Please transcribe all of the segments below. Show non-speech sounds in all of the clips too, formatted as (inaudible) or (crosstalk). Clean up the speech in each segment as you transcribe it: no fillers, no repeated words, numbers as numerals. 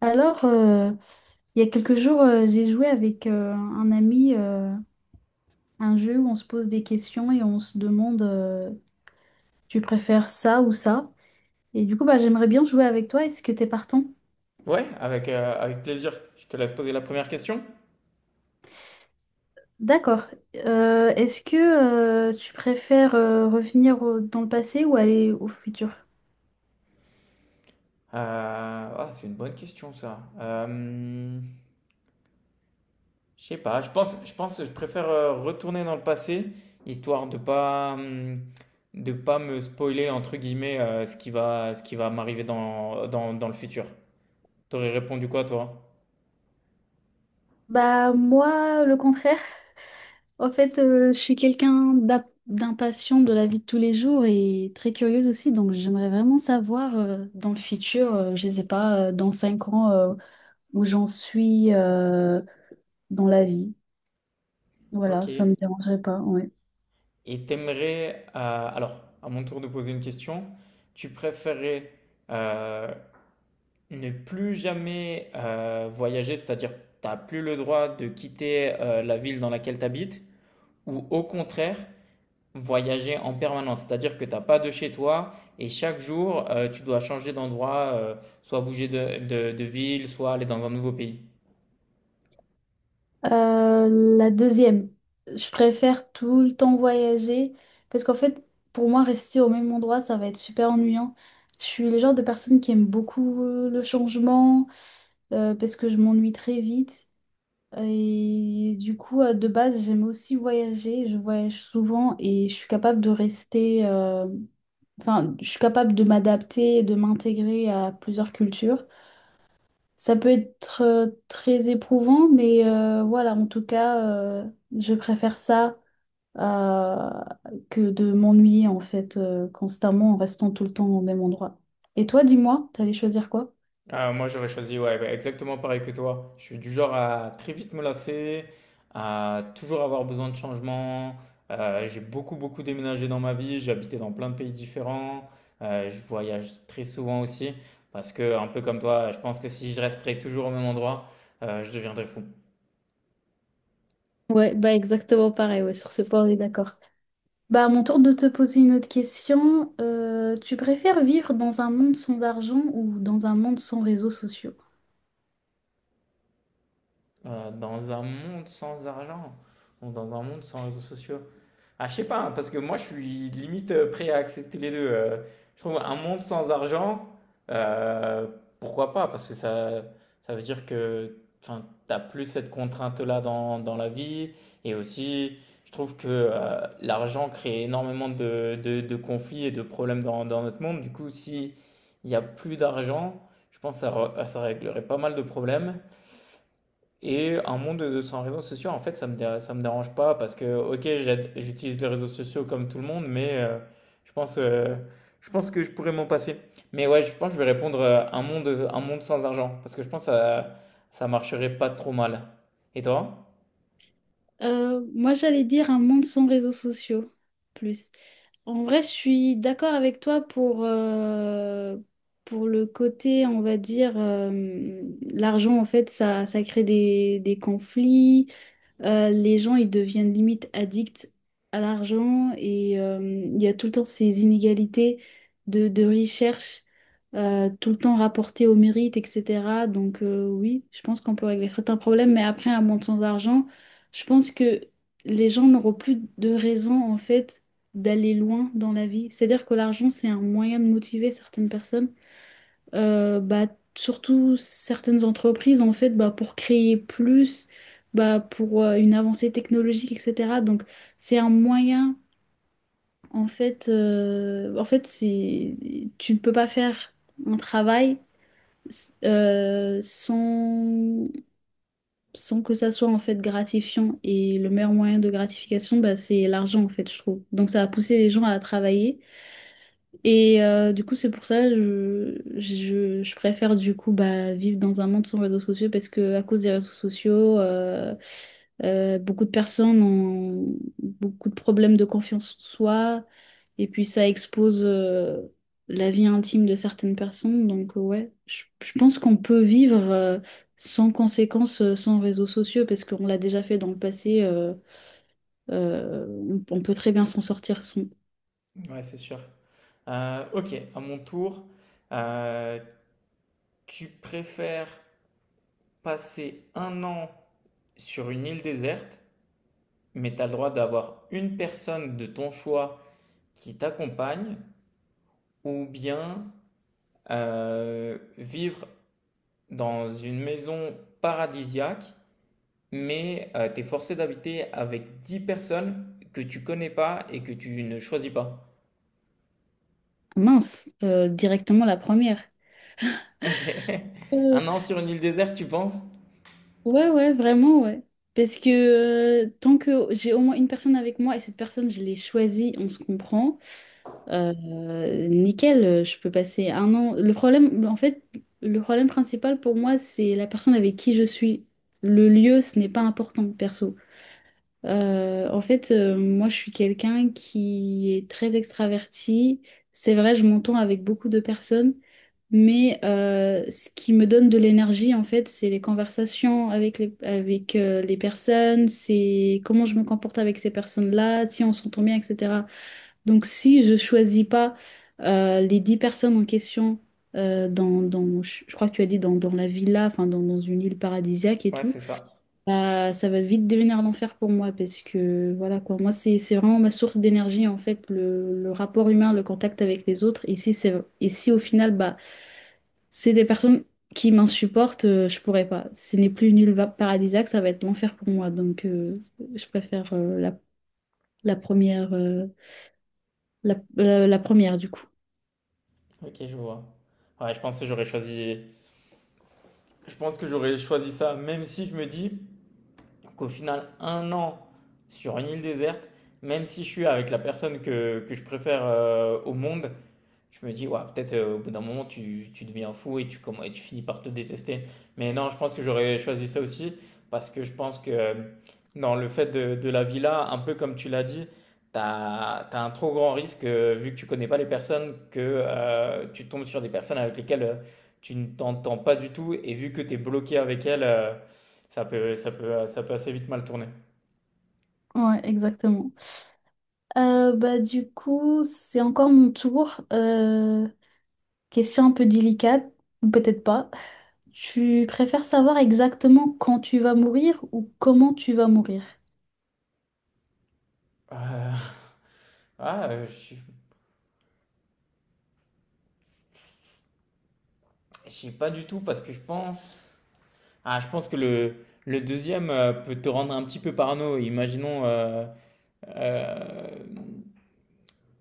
Alors, euh, il y a quelques jours, j'ai joué avec un ami un jeu où on se pose des questions et on se demande tu préfères ça ou ça? Et du coup, bah, j'aimerais bien jouer avec toi. Est-ce que t'es partant? Ouais, avec, avec plaisir. Je te laisse poser la première question. D'accord. Est-ce que tu préfères revenir dans le passé ou aller au futur? C'est une bonne question ça. Je sais pas. Je pense que je préfère retourner dans le passé, histoire de pas me spoiler entre guillemets ce qui va m'arriver dans le futur. T'aurais répondu quoi toi? Bah moi, le contraire. En fait, je suis quelqu'un d'impatient de la vie de tous les jours et très curieuse aussi, donc j'aimerais vraiment savoir dans le futur, je ne sais pas, dans 5 ans, où j'en suis dans la vie. Voilà, Ok. ça me dérangerait pas, ouais. Et t'aimerais, alors, à mon tour de poser une question, tu préférais euh, ne plus jamais voyager, c'est-à-dire t'as plus le droit de quitter la ville dans laquelle t'habites, ou au contraire, voyager en permanence, c'est-à-dire que t'as pas de chez toi et chaque jour tu dois changer d'endroit, soit bouger de, de ville, soit aller dans un nouveau pays. Euh, la deuxième, je préfère tout le temps voyager parce qu'en fait, pour moi, rester au même endroit, ça va être super ennuyant. Je suis le genre de personne qui aime beaucoup le changement parce que je m'ennuie très vite. Et du coup, de base, j'aime aussi voyager. Je voyage souvent et je suis capable de rester. Enfin, je suis capable de m'adapter et de m'intégrer à plusieurs cultures. Ça peut être très éprouvant, mais voilà, en tout cas, euh, je préfère ça euh, que de m'ennuyer en fait constamment en restant tout le temps au même endroit. Et toi, dis-moi, t'allais choisir quoi? Ah, moi, j'aurais choisi, ouais, bah, exactement pareil que toi. Je suis du genre à très vite me lasser, à toujours avoir besoin de changement. J'ai beaucoup, beaucoup déménagé dans ma vie. J'ai habité dans plein de pays différents. Je voyage très souvent aussi. Parce que, un peu comme toi, je pense que si je resterais toujours au même endroit, je deviendrais fou. Ouais, bah exactement pareil, ouais, sur ce point on est d'accord. Bah, à mon tour de te poser une autre question. Tu préfères vivre dans un monde sans argent ou dans un monde sans réseaux sociaux? Dans un monde sans argent, ou dans un monde sans réseaux sociaux, ah, je sais pas, hein, parce que moi, je suis limite prêt à accepter les deux. Je trouve un monde sans argent, euh, pourquoi pas? Parce que ça veut dire que enfin, t'as plus cette contrainte-là dans, dans la vie. Et aussi, je trouve que l'argent crée énormément de conflits et de problèmes dans, dans notre monde. Du coup, si il y a plus d'argent, je pense que ça, ça réglerait pas mal de problèmes. Et un monde de sans réseaux sociaux, en fait, ça me, ça me dérange pas parce que, ok, j'utilise les réseaux sociaux comme tout le monde, mais je pense, euh, je pense que je pourrais m'en passer. Mais ouais, je pense que je vais répondre un monde sans argent parce que je pense que ça marcherait pas trop mal. Et toi? Moi, j'allais dire un monde sans réseaux sociaux, plus. En vrai, je suis d'accord avec toi pour le côté, on va dire, l'argent, en fait, ça crée des conflits. Les gens, ils deviennent limite addicts à l'argent et il y a tout le temps ces inégalités de recherche, tout le temps rapportées au mérite, etc. Donc oui, je pense qu'on peut régler certains problèmes, mais après, un monde sans argent, je pense que les gens n'auront plus de raison, en fait, d'aller loin dans la vie. C'est-à-dire que l'argent, c'est un moyen de motiver certaines personnes bah, surtout certaines entreprises en fait bah, pour créer plus bah, pour une avancée technologique, etc. Donc c'est un moyen en fait c'est tu ne peux pas faire un travail sans sans que ça soit en fait gratifiant et le meilleur moyen de gratification bah, c'est l'argent en fait je trouve donc ça a poussé les gens à travailler. Et du coup, c'est pour ça je préfère du coup bah, vivre dans un monde sans réseaux sociaux parce que à cause des réseaux sociaux, beaucoup de personnes ont beaucoup de problèmes de confiance en soi et puis ça expose la vie intime de certaines personnes. Donc ouais, je pense qu'on peut vivre sans conséquences, sans réseaux sociaux parce qu'on l'a déjà fait dans le passé. Euh, on peut très bien s'en sortir sans... Ouais, c'est sûr. Ok, à mon tour, euh, tu préfères passer un an sur une île déserte, mais tu as le droit d'avoir une personne de ton choix qui t'accompagnent ou bien vivre dans une maison paradisiaque, mais tu es forcé d'habiter avec 10 personnes que tu connais pas et que tu ne choisis pas. Mince, directement la première. Ok. (laughs) Euh, Un an sur une île déserte, tu penses? ouais, ouais, vraiment, ouais. Parce que tant que j'ai au moins une personne avec moi et cette personne, je l'ai choisie, on se comprend, euh, nickel, je peux passer 1 an. Le problème, en fait, le problème principal pour moi, c'est la personne avec qui je suis. Le lieu, ce n'est pas important, perso. En fait, moi, je suis quelqu'un qui est très extraverti. C'est vrai, je m'entends avec beaucoup de personnes, mais ce qui me donne de l'énergie, en fait, c'est les conversations avec, les personnes, c'est comment je me comporte avec ces personnes-là, si on s'entend bien, etc. Donc, si je choisis pas les 10 personnes en question, dans, je crois que tu as dit dans, dans la villa, enfin, dans, dans une île paradisiaque et Ouais, tout, c'est ça. bah, ça va vite devenir l'enfer pour moi parce que voilà quoi, moi c'est vraiment ma source d'énergie en fait, le rapport humain, le contact avec les autres. Et si c'est et si au final bah c'est des personnes qui m'insupportent, je pourrais pas. Ce n'est plus une île paradisiaque, ça va être l'enfer pour moi. Donc je préfère la, la première la, la première du coup. Ok, je vois. Ouais, je pense que j'aurais choisi. Je pense que j'aurais choisi ça, même si je me dis qu'au final, un an sur une île déserte, même si je suis avec la personne que je préfère au monde, je me dis, ouais, peut-être au bout d'un moment, tu deviens fou et tu, et tu finis par te détester. Mais non, je pense que j'aurais choisi ça aussi parce que je pense que dans le fait de la villa, un peu comme tu l'as dit, tu as, un trop grand risque, vu que tu connais pas les personnes, que tu tombes sur des personnes avec lesquelles tu ne t'entends pas du tout et vu que tu es bloqué avec elles, ça peut, ça peut, ça peut assez vite mal tourner. Ouais, exactement. Bah du coup, c'est encore mon tour. Question un peu délicate, ou peut-être pas. Tu préfères savoir exactement quand tu vas mourir ou comment tu vas mourir? Euh, (laughs) ah, je ne sais pas du tout parce que je pense. Ah, je pense que le deuxième peut te rendre un petit peu parano. Imaginons, euh,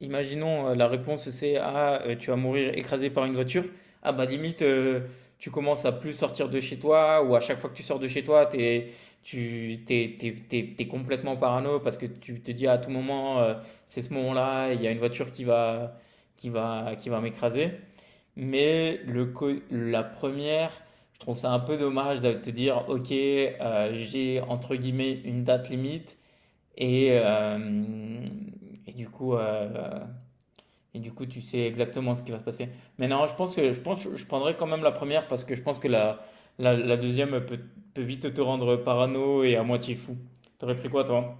imaginons la réponse c'est ah tu vas mourir écrasé par une voiture. Ah bah limite tu commences à plus sortir de chez toi ou à chaque fois que tu sors de chez toi t'es tu t'es, t'es complètement parano parce que tu te dis à tout moment c'est ce moment-là il y a une voiture qui va qui va qui va m'écraser. Mais le la première, je trouve ça un peu dommage de te dire, ok, j'ai entre guillemets une date limite et, euh, et du coup, euh, et du coup, tu sais exactement ce qui va se passer. Mais non, je pense que je prendrais quand même la première parce que je pense que la deuxième peut, peut vite te rendre parano et à moitié fou. T'aurais pris quoi, toi?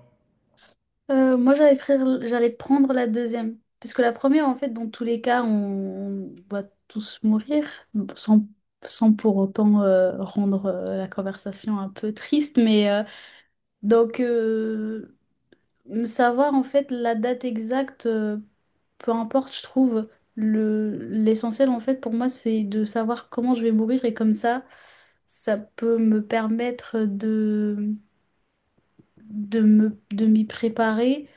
Moi, j'allais prendre la deuxième. Parce que la première, en fait, dans tous les cas, on va tous mourir, sans, sans pour autant rendre la conversation un peu triste. Mais donc, savoir, en fait, la date exacte, peu importe, je trouve le l'essentiel en fait pour moi c'est de savoir comment je vais mourir et comme ça ça peut me permettre de me de m'y préparer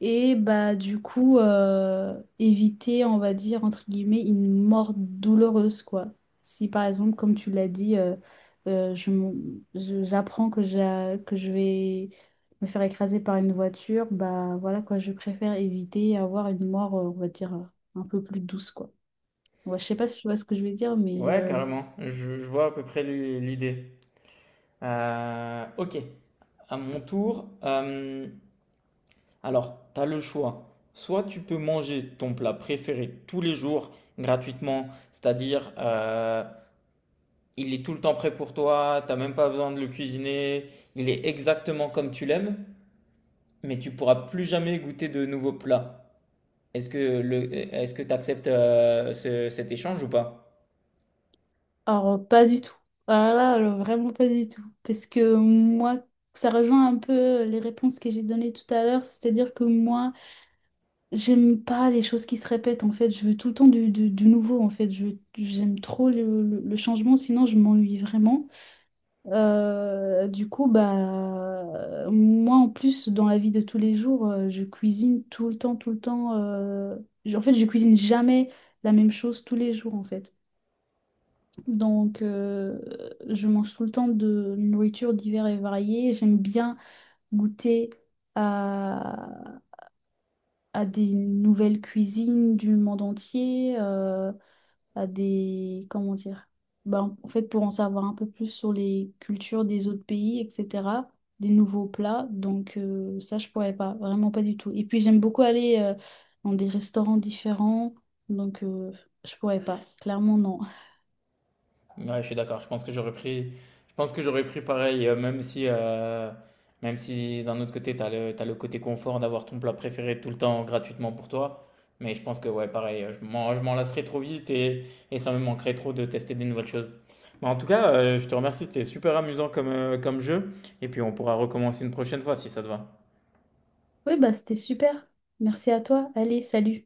et bah du coup éviter, on va dire, entre guillemets, une mort douloureuse, quoi. Si par exemple, comme tu l'as dit, euh, je, m- j'apprends que, que je vais me faire écraser par une voiture, bah voilà quoi, je préfère éviter et avoir une mort, on va dire, un peu plus douce, quoi. Ouais, je sais pas si tu vois ce que je veux dire, mais Ouais, carrément. Je vois à peu près l'idée. Ok. À mon tour, alors, tu as le choix. Soit tu peux manger ton plat préféré tous les jours gratuitement, c'est-à-dire il est tout le temps prêt pour toi, t'as même pas besoin de le cuisiner, il est exactement comme tu l'aimes, mais tu pourras plus jamais goûter de nouveaux plats. Est-ce que le, est-ce que tu acceptes cet échange ou pas? alors pas du tout. Ah là, alors, vraiment pas du tout. Parce que moi, ça rejoint un peu les réponses que j'ai données tout à l'heure, c'est-à-dire que moi, j'aime pas les choses qui se répètent en fait, je veux tout le temps du, du nouveau en fait, j'aime trop le, le changement, sinon je m'ennuie vraiment. Du coup, bah, moi en plus, dans la vie de tous les jours, je cuisine tout le temps, tout le temps. En fait, je cuisine jamais la même chose tous les jours en fait. Donc, je mange tout le temps de nourriture divers et variée, j'aime bien goûter à des nouvelles cuisines du monde entier, à des... Comment dire? Ben, en fait, pour en savoir un peu plus sur les cultures des autres pays, etc., des nouveaux plats. Donc ça, je pourrais pas, vraiment pas du tout. Et puis, j'aime beaucoup aller dans des restaurants différents. Donc, je pourrais pas. Clairement, non. Ouais, je suis d'accord. Je pense que j'aurais pris, je pense que j'aurais pris pareil, même si d'un autre côté, tu as le, t'as le côté confort d'avoir ton plat préféré tout le temps gratuitement pour toi. Mais je pense que, ouais, pareil, je m'en lasserais trop vite et ça me manquerait trop de tester des nouvelles choses. Mais en tout cas, je te remercie. C'était super amusant comme, comme jeu. Et puis, on pourra recommencer une prochaine fois si ça te va. Oui, bah, c'était super. Merci à toi. Allez, salut.